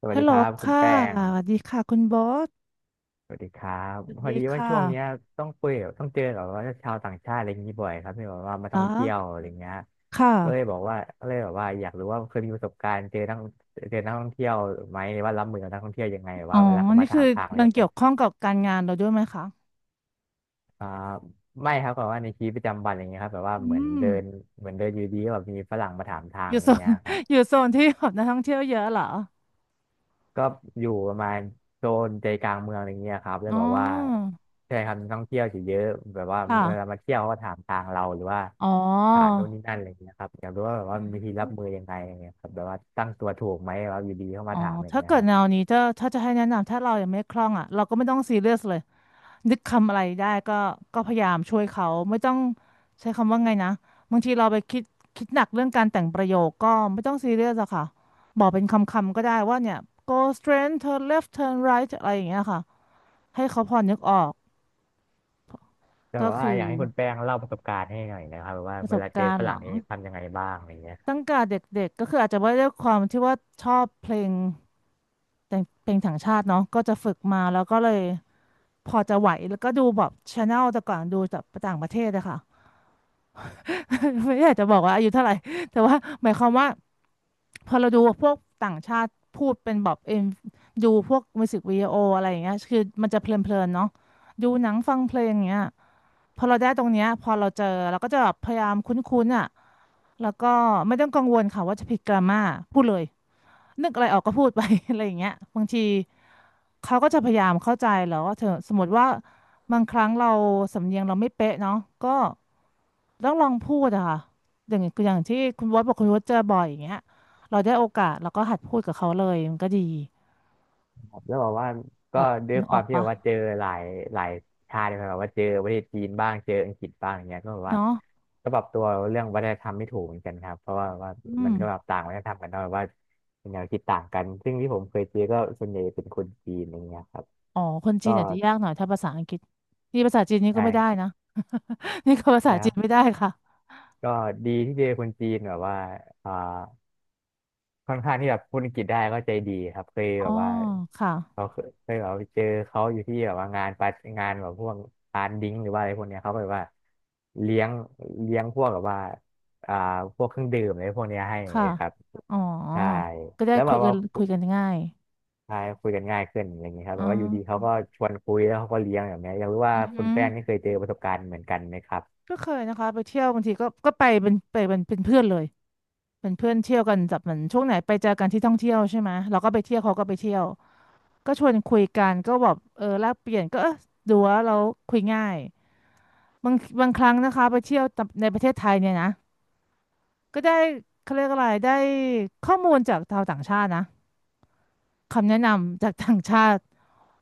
สวัสฮัลดีโหลครับคุณค่ะแป้งสวัสดีค่ะคุณบอสสวัสดีครับสวัสพอดีดีว่าค่ะช่วงเนี้ยต้องคุยกับต้องเจอกับว่าชาวต่างชาติอะไรอย่างนี้บ่อยครับที่แบบว่ามาเหรท่อองเที่ยวอะไรเงี้ยค่ะ ก็เลยบอกว่าก็เลยแบบว่าอยากรู้ว่าเคยมีประสบการณ์เจอนักเจอนักท่องเที่ยวไหมว่ารับมือกับนักท่องเที่ยวยังไงแบบอ๋อ ว่าเวลาเขานี่มาถาคือมทางอะไรมัแบนบเกี่เนี้ยยวข้องกับการงานเราด้วยไหมคะ อ่าไม่ครับแบบว่าในชีวิตประจำวันอะไรเงี้ยครับแบบว่าอืเหมือนม เดินเหมือนเดินอยู่ดีก็แบบมีฝรั่งมาถามทางอยู่อะไรโซน เงี้ยครับ อยู่โซนที่แบบนักท่องเที่ยวเยอะเหรอก็อยู่ประมาณโซนใจกลางเมืองอะไรเงี้ยครับแล้วอ๋อ แบบว่าใช่ครับท่องเที่ยวจะเยอะแบบว่าเวลาค่ะ มาเที่ยวเขาก็ถามทางเราหรือว่าอ๋อถามโน่นนี่นั่นอะไรเงี้ยครับอยากรู้ว่าแบบอืว่ามีวิธีมรับมือยังไงอะไรเงี้ยครับแบบว่าตั้งตัวถูกไหมแบบว่าอยู่ดีเข้าอ๋มาอ ถามอะไรถ้าเงี้ยเกิคดรับแนวนี้ถ้าจะให้แนะนำถ้าเรายังไม่คล่องอ่ะ เราก็ไม่ต้องซีเรียสเลย นึกคำอะไรได้ก็พยายามช่วยเขาไม่ต้องใช้คำว่าไงนะบางทีเราไปคิดหนักเรื่องการแต่งประโยคก็ไม่ต้องซีเรียสอะค่ะบอกเป็นคำๆก็ได้ว่าเนี่ย go straight turn left turn right อะไรอย่างเงี้ยค่ะให้เขาพอนึกออกแต่ก็แบบว่าคืออยากให้คุณแป้งเล่าประสบการณ์ให้หน่อยนะครับแบบว่าประเวสบลาเจอการฝณ์หรั่งลังนี่ทำยังไงบ้างอะไรเงี้ย ตั้งแต่เด็กๆก็คืออาจจะว่าด้วยความที่ว่าชอบเพลงแต่งเพลงถังชาติเนาะก็จะฝึกมาแล้วก็เลยพอจะไหวแล้วก็ดูแบบชาแนลแต่ก่อนดูจากต่างประเทศอะค่ะ ไม่อยากจะบอกว่าอายุเท่าไหร่ แต่ว่าหมายความว่าพอเราดูพวกต่างชาติพูดเป็นแบบเอ็มดูพวกมิวสิกวิดีโออะไรอย่างเงี้ยคือมันจะเพลินๆเนาะดูหนังฟังเพลงอย่างเงี้ยพอเราได้ตรงเนี้ยพอเราเจอเราก็จะแบบพยายามคุ้นๆอ่ะแล้วก็ไม่ต้องกังวลค่ะว่าจะผิดกราม่าพูดเลยนึกอะไรออกก็พูดไป อะไรอย่างเงี้ยบางทีเขาก็จะพยายามเข้าใจแล้วว่าเธอสมมติว่าบางครั้งเราสำเนียงเราไม่เป๊ะเนาะก็ ต้องลองพูดอะค่ะอย่างที่คุณวอดบอกคุณวอดเจอบ่อยอย่างเงี้ยเราได้โอกาสเราก็หัดพูดกับเขาเลยมันก็ดีผมจะบอกว่าแบก็บด้วยนึกคอวาอมกที่แบปะบว่าเจอหลายหลายชาติเลยแบบว่าเจอประเทศจีนบ้างเจออังกฤษบ้างอย่างเงี้ยก็แบบว่าเนาะก็ปรับตัวเรื่องวัฒนธรรมไม่ถูกเหมือนกันครับเพราะว่าอืมัมนก็แบบต่างวัฒนธรรมกันเนาะแบบว่าแนวคิดต่างกันซึ่งที่ผมเคยเจอก็ส่วนใหญ่เป็นคนจีนอย่างเงี้ยครับอ๋อคนจีก็นอาจจะยากหน่อยถ้าภาษาอังกฤษนี่ภาษาจีนนี่ก็ไม่ได้ใช่นะ นี่ก็ภาษานะครัจีนบไม่ได้ค่ะก็ดีที่เจอคนจีนแบบว่าอ่า ค่อนข้างที่แบบพูดอังกฤษได้ก็ใจดีครับเคยอ๋อแบบว่าค่ะเขาเคยแบบว่าไปเจอเขาอยู่ที่แบบว่างานปารงานแบบพวกปานดิ้งหรือว่าอะไรพวกเนี้ยเขาแบบว่าเลี้ยงเลี้ยงพวกแบบว่าอ่าพวกเครื่องดื่มอะไรพวกเนี้ยให้ค่ะครับอ๋อใช่ก็ได้แล้วแบคุยบกัว่านคุคุยยกันง่ายใช่คุยกันง่ายขึ้นอย่างนี้ครับอ๋แบบว่าอยู่ดีเขาอก็ชวนคุยแล้วเขาก็เลี้ยงแบบเนี้ยอยากรู้ว่าอือคุหืณอแป้งนี่เคยเจอประสบการณ์เหมือนกันไหมครับก็เคยนะคะไปเที่ยวบางทีก็ไปเป็นเพื่อนเลย เป็นเพื่อนเที่ยวกันแบบเหมือนช่วงไหนไปเจอกันที่ท่องเที่ยวใช่ไหมเราก็ไปเที่ยวเขาก็ไปเที่ยวก็ชวนคุยกันก็แบบเออแลกเปลี่ยนก็เออดูว่าเราคุยง่ายบางบางครั้งนะคะไปเที่ยวในประเทศไทยเนี่ยนะก็ได้เขาเรียกอะไรได้ข้อมูลจากชาวต่างชาตินะคำแนะนำจากต่างชาติ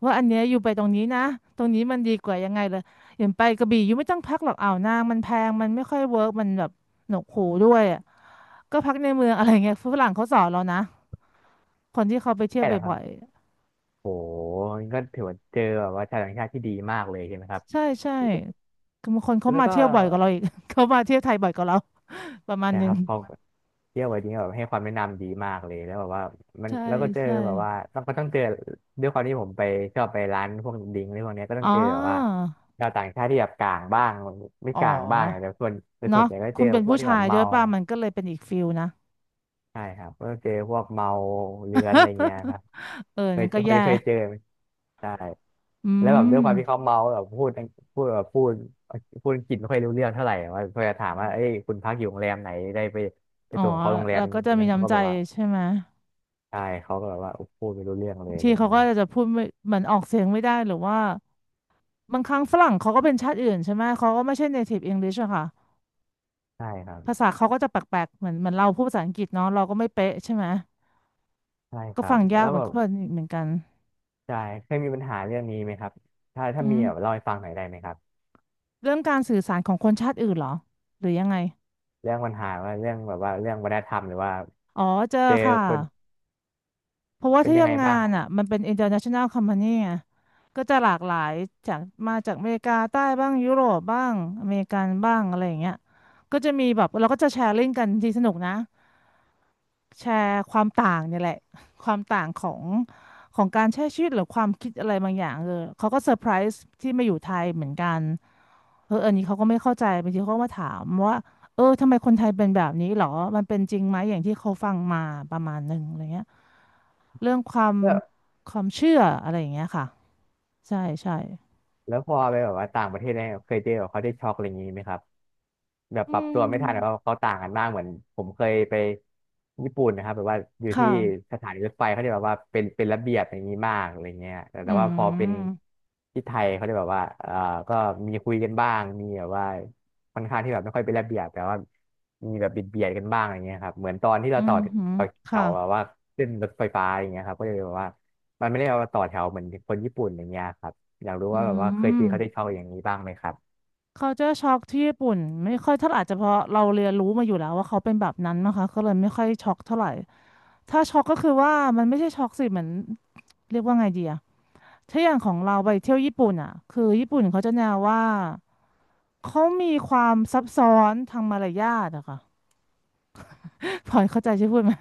ว่าอันเนี้ยอยู่ไปตรงนี้นะตรงนี้มันดีกว่ายังไงเลยอย่างไปกระบี่ยูไม่ต้องพักหรอกอ่าวนางมันแพงมันไม่ค่อยเวิร์กมันแบบหนวกหูด้วยอะก็พักในเมืองอะไรเงี้ยฝรั่งเขาสอนเรานะ คนที่เขาไปเที่ยใช่วแล้วครับ่บอยโหนี่ก็ถือว่าเจอแบบว่าชาวต่างชาติที่ดีมากเลยใช่ไหมครับๆใช่ใช่คือบางคนเขาแล้วมาก็ เที่ยวบ่อยกว่าเราอีก เขามาเที่ยวไทยบ่อยกว่าเราประมาณหนะนึคงรับเขาเที่ยววันนี้แบบให้ความแนะนำดีมากเลยแล้วแบบว่ามันใช่แล้วก็เจอใช่แบบว่าต้องก็ต้องเจอด้วยความที่ผมไปชอบไปร้านพวกดิงก์อะไรพวกเนี้ยก็ต้ออ๋งอเจอแบบว่าชาวต่างชาติที่แบบกลางบ้างไม่อ๋อกลางบ้างแต่ส่วนแต่ส่เนาะวนใหญ่ก็เจคุณอเป็นพวกผู้ที่ชาแบยบด้วเมา ยป่ะมันก็เลยเป็นอีกฟิลนะ ใช่ครับก็เจอพวกเมาเรื้อนอะไรเงี้ยค รับเออเคยนั่นเจก็อเคแย่ยเคยเจอไหมใช่อืแล้วแบบด้วมยความที่เขาเมาแบบพูดอังพูดแบบพูดพูดอังกฤษไม่ค่อยรู้เรื่องเท่าไหร่ว่าพอจะถามว่าเอ้ยคุณพักอยู่โรงแรมไหนได้ไปไปอ๋อส่งเขาโรงแรเรามก็จะดังมีนั้นเขาน้ำก็ใจแบบว่าใช่ไหมใช่เขาก็แบบว่าพูดไม่รู้เรื่องเลบายงอะทีไรเขาเงี้ก็ยจะพูดไม่เหมือนออกเสียงไม่ได้หรือว่า บางครั้งฝรั่งเขาก็เป็นชาติอื่นใช่ไหมเขาก็ไม่ใช่ native English อะค่ะ ใช่ครับภาษาเขาก็จะแปลกๆเหมือนเหมือนเราพูดภาษาอังกฤษเนาะเราก็ไม่เป๊ะใช่ไหมใช่คก็รัฟับงยาแล้กวเหมือแบนบกันเหมือนกันใช่เคยมีปัญหาเรื่องนี้ไหมครับถ้าอืมีมแบบเล่าให้ฟังหน่อยได้ไหมครับเรื่องการสื่อสารของคนชาติอื่นเหรอหรือยังไงเรื่องปัญหาว่าเรื่องแบบว่าเรื่องวัฒนธรรมหรือว่าอ๋อเจอเจอค่ะคนเพราะว่าเป็นที่ยังไงทำงาบ้างนอ่ะมันเป็น international company ไงก็จะหลากหลายจากมาจากอเมริกาใต้บ้างยุโรปบ้างอเมริกันบ้างอะไรอย่างเงี้ยก็จะมีแบบเราก็จะแชร์ลิงก์กันทีสนุกนะ แชร์ความต่างเนี่ยแหละ ความต่างของการใช้ชีวิตหรือความคิดอะไรบางอย่างเออเขาก็เซอร์ไพรส์ที่มาอยู่ไทยเหมือนกันเอออันนี้เขาก็ไม่เข้าใจบางทีเขาก็มาถามว่าเออทำไมคนไทยเป็นแบบนี้หรอมันเป็นจริงไหมอย่างที่เขาฟังมาประมาณหนึ่งอะไรเงี้ยเรื่องความครับ เชื่ออะไรอย่างเงี้ยค่ะใช่ใช่แล้วพอไปแบบว่าต่างประเทศเนี่ยเคยเจอแบบเขาได้ช็อกอะไรอย่างนี้ไหมครับ แบบอืปรับตัวไม่ทันนะว่าะมเขาต่างกันมากเหมือนผมเคยไปญี่ปุ่นนะครับแบบว่าอยู่ที่ค่ะสถานีรถไฟเขาจะแบบว่าเป็นระเบียบอย่างนี้มากอะไรเงี้ยแต่อืแต่ว่าพอเป็นมที่ไทยเขาจะแบบว่าก็มีคุยกันบ้างมีแบบว่าค่อนข้างที่แบบไม่ค่อยเป็นระเบียบแต่ว่ามีแบบบิดเบียดกันบ้างอะไรเงี้ยครับเหมือนตอนที่อืเราต่อมหืมต่อแถค่ะวแบบว่าขึ้นรถไฟฟ้าอย่างเงี้ยครับก็เลยแบบว่ามันไม่ได้เอามาต่อแถวเหมือนคนญี่ปุ่นอย่างเงี้ยครับอยากรู้อืว่าแบบว่าเคยเจอเขาได้ม เข้าอย่างนี้บ้างไหมครับ culture shock ที่ญี่ปุ่นไม่ค่อยเท่าไหร่อาจจะเพราะเราเรียนรู้มาอยู่แล้วว่าเขาเป็นแบบนั้นนะคะก็เลยไม่ค่อยช็อกเท่าไหร่ถ้าช็อกก็คือว่ามันไม่ใช่ช็อกสิเหมือนเรียกว่าไงดีอะถ้าอย่างของเราไปเที่ยวญี่ปุ่นอะคือญี่ปุ่นเขาจะแนวว่าเขามีความซับซ้อนทางมารยาทอะค่ะ พลอยเข้าใจใช่พูดไหม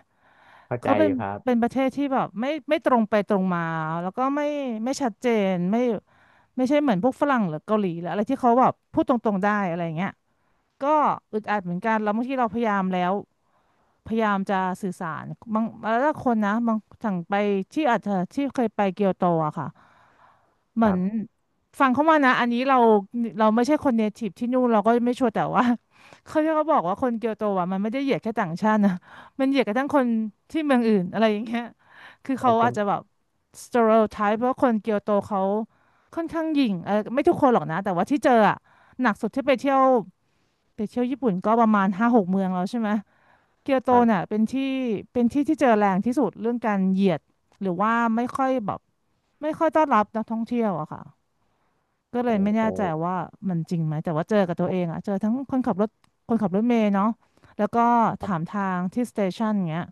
เข้าใจเขาเป็อนยู่ครับประเทศที่แบบไม่ตรงไปตรงมาแล้วก็ไม่ไม่ชัดเจนไม่ใช่เหมือนพวกฝรั่งหรือเกาหลีหรืออะไรที่เขาแบบพูดตรงๆได้อะไรอย่างเงี้ย ก็อึดอัดเหมือนกันแล้วบางทีเราพยายามแล้วพยายามจะสื่อสารบางแล้วถ้าคนนะบางสั่งไปที่อาจจะที่เคยไปเกียวโตอะค่ะเหคมือรันบฟังเขามานะอันนี้เราไม่ใช่คนเนทีฟที่นู่นเราก็ไม่ชัวร์แต่ว่า เขาที่เขาบอกว่าคนเกียวโตอะมันไม่ได้เหยียดแค่ต่างชาตินะมันเหยียดกระทั่งคนที่เมืองอื่นอะไรอย่างเงี้ยคือขอเขาบคุอาณ จจะแบบสเตอริโอไทป์เพราะคนเกียวโตเขาค่อนข้างหยิ่งเออไม่ทุกคนหรอกนะแต่ว่าที่เจออะหนักสุดที่ไปเที่ยว ไปเที่ยวญี่ปุ่นก็ประมาณห้าหกเมืองแล้วใช่ไหมเกียวโตครัเนี่ยบเป็นที่เป็นที่ที่เจอแรงที่สุดเรื่องการเหยียดหรือว่าไม่ค่อยแบบไม่ค่อยต้อนรับนักท่องเที่ยวอะค่ะก็เลยโอ้ไม่แน่โอ้ใจว่ามันจริงไหมแต่ว่าเจอกับตัวเองอะเจอทั้งคนขับรถคนขับรถเมล์เนาะแล้วก็ถามทางที่สเตชันเงี้ย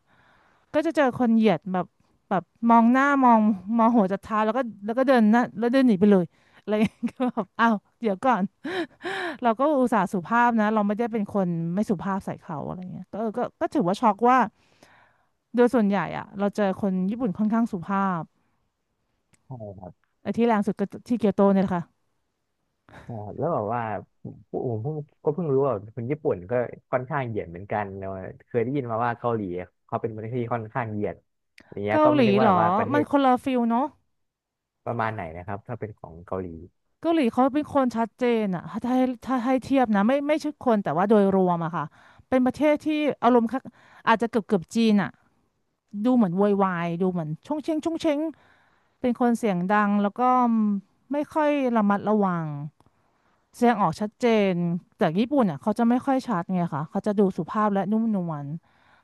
ก็จะเจอคนเหยียดแบบแบบมองหน้ามองหัวจะท้ายแล้วก็เดินหนะแล้วเดินหนีไปเลยอะไรอย่างเงี้ย ก็แบบอ้าวเดี๋ยวก่อน เราก็อุตส่าห์สุภาพนะเราไม่ได้เป็นคนไม่สุภาพใส่เขาอะไรเงี้ยก็เออก็ถือว่าช็อกว่าโดยส่วนใหญ่อะเราเจอคนญี่ปุ่นค่อนข้างสุภาพโอ้ใช่ครับไอ้ที่แรงสุดก็ที่เกียวโตเนี่ยแหละค่ะใช่ครับแล้วแบบว่าผผมก็เพิ่งรู้ว่าคนญี่ปุ่นก็ค่อนข้างเหยียดเหมือนกันเนอะเคยได้ยินมาว่าเกาหลีเขาเป็นประเทศที่ค่อนข้างเหยียดอย่างเงี้ยเกาก็หไม่ลีนึกเหว่ารแบอบว่าประเทมันศคนละฟิลเนาะประมาณไหนนะครับถ้าเป็นของเกาหลีเกาหลีเขาเป็นคนชัดเจนอะถ้าให้เทียบนะไม่ใช่คนแต่ว่าโดยรวมอะค่ะเป็นประเทศที่อารมณ์คล้ายอาจจะเกือบจีนอะดูเหมือนโวยวายดูเหมือนชงเชงชงเชงเป็นคนเสียงดังแล้วก็ไม่ค่อยระมัดระวัง แสดงออกชัดเจนแต่ญี่ปุ่นอ่ะเขาจะไม่ค่อยชัดไงคะเขาจะดูสุภาพและนุ่มนวล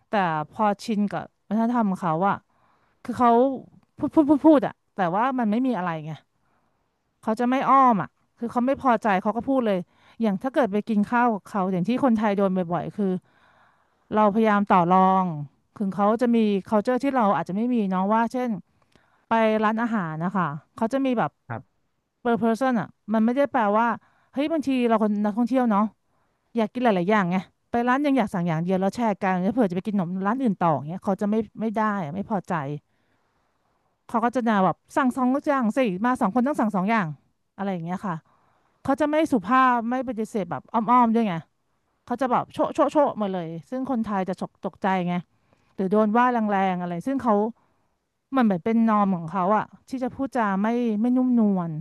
แต่พอชินกับวัฒนธรรมเขาอ่ะคือเขาพูดอ่ะแต่ว่ามันไม่มีอะไรไงเขาจะไม่อ้อมอ่ะคือเขาไม่พอใจเขาก็พูดเลยอย่างถ้าเกิดไปกินข้าวกับเขาอย่างที่คนไทยโดนบ่อยๆคือเราพยายามต่อรองถึงเขาจะมี culture ที่เราอาจจะไม่มีเนาะว่าเช่นไปร้านอาหารนะคะเขาจะมีแบบ ครับ per person อ่ะมันไม่ได้แปลว่าเฮ้ยบางทีเราคนนักท่องเที่ยวเนาะ อยากกินหลายๆอย่างไงไปร้านยังอยากสั่งอย่างเดียวแล้วแชร์กันแล้วเผื่อจะไปกินขนมร้านอื่นต่ออย่างเงี้ยเขาจะไม่ได้อะไม่พอใจเขาก็จะด่าแบบสั่งสองอย่างสิมาสองคนต้องสั่งสองอย่างอะไรอย่างเงี้ยค่ะเขาจะไม่สุภาพไม่ปฏิเสธแบบอ้อมๆด้วยไงเขาจะแบบโชะโชะโชะมาเลยซึ่งคนไทยจะฉกตกใจไงหรือโดนว่าแรงๆอะไรซึ่งเขามันเหมือนเป็นนอร์มของเขาอะที่จะพูดจาไม่นุ่มนวล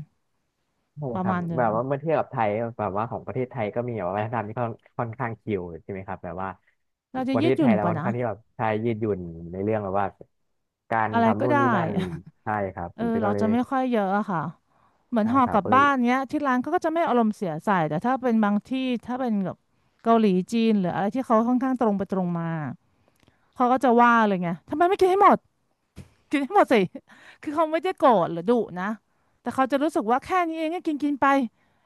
ใช่ประครัมาบณหนึ่แบงบว่าเมื่อเทียบกับไทยแบบว่าของประเทศไทยก็มีแบบว่าวัฒนธรรมที่ค่อนข้างชิลใช่ไหมครับแบบว่าเราจะประยืเทดศหไทยุ่นยเรากว่าค่อนนะข้างที่แบบใช้ยืดหยุ่นในเรื่องแบบว่าการอะไรทำก็นู่นได้ นี่นั่น ใช่ครับเอผมอก็เราเลจะยไม่ค่อยเยอะอะค่ะเหมือนใช่ห่อครักบลับก็เลย บ้านเนี้ยที่ร้านเขาก็จะไม่อารมณ์เสียใส่แต่ถ้าเป็นบางที่ถ้าเป็นแบบเกาหลีจีนหรืออะไรที่เขาค่อนข้างตรงไปตรงมาเขาก็จะว่าเลยไงทำไมไม่กินให้หมดกินให้หมดสิ คือเขาไม่ได้โกรธหรือดุนะแต่เขาจะรู้สึกว่าแค่นี้เองก็กินกินไป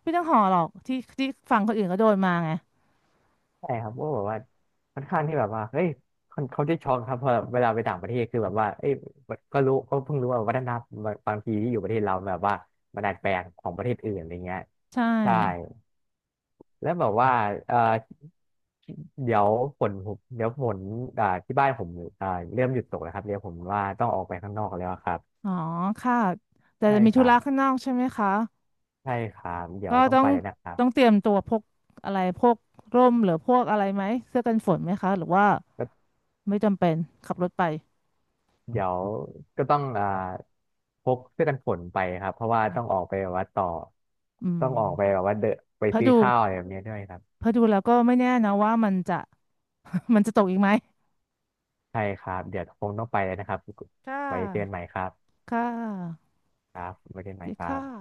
ไม่ต้องห่อหรอกที่ฝั่งคนอื่นก็โดนมาไงใช่ครับก็แบบว่าค่อนข้างที่แบบว่าเฮ้ยคนเขาจะช็อกครับเพอเวลาไปต่างประเทศคือแบบว่าเอ้ยก็รู้ก็เพิ่งรู้ว่าวัฒนธรรมบางทีที่อยู่ประเทศเราแบบว่ามันดัดแปลงของประเทศอื่นอะไรเงี้ยใช่ใช่แล้วแบบว่าเอ่อเดี๋ยวฝนผมเดี๋ยวฝนที่บ้านผมอ่าเริ่มหยุดตกแล้วครับเดี๋ยวผมว่าต้องออกไปข้างนอกแล้วครับอ๋อค่ะแต่ใช่จะมีคธุรับระข้างนอกใช่ไหมคะ ใช่ครับเดี๋ยก็วต้องไปแล้วนะครับ ต้องเตรียมตัวพกอะไรพกร่มหรือพวกอะไรไหมเสื้อกันฝนไหมคะหรือว่าไม่จำเป็นขับรถไปเดี๋ยวก็ต้องพกเสื้อกันฝนไปครับเพราะว่าต้องออกไปแบบว่าต่ออืต้มองออกไปแบบว่าเดนไปเพราะซื้อดูข้าวอะไรแบบนี้ด้วยครับเพราะดูแล้วก็ไม่แน่นะว่ามันจะ มันจะตกอีกไหมใช่ครับเดี๋ยวคงต้องไปแล้วนะครับค่ะไว้เจอกันใหม่ครับค่ะครับไว้เจอกันใหม่ดีครัค่ะบ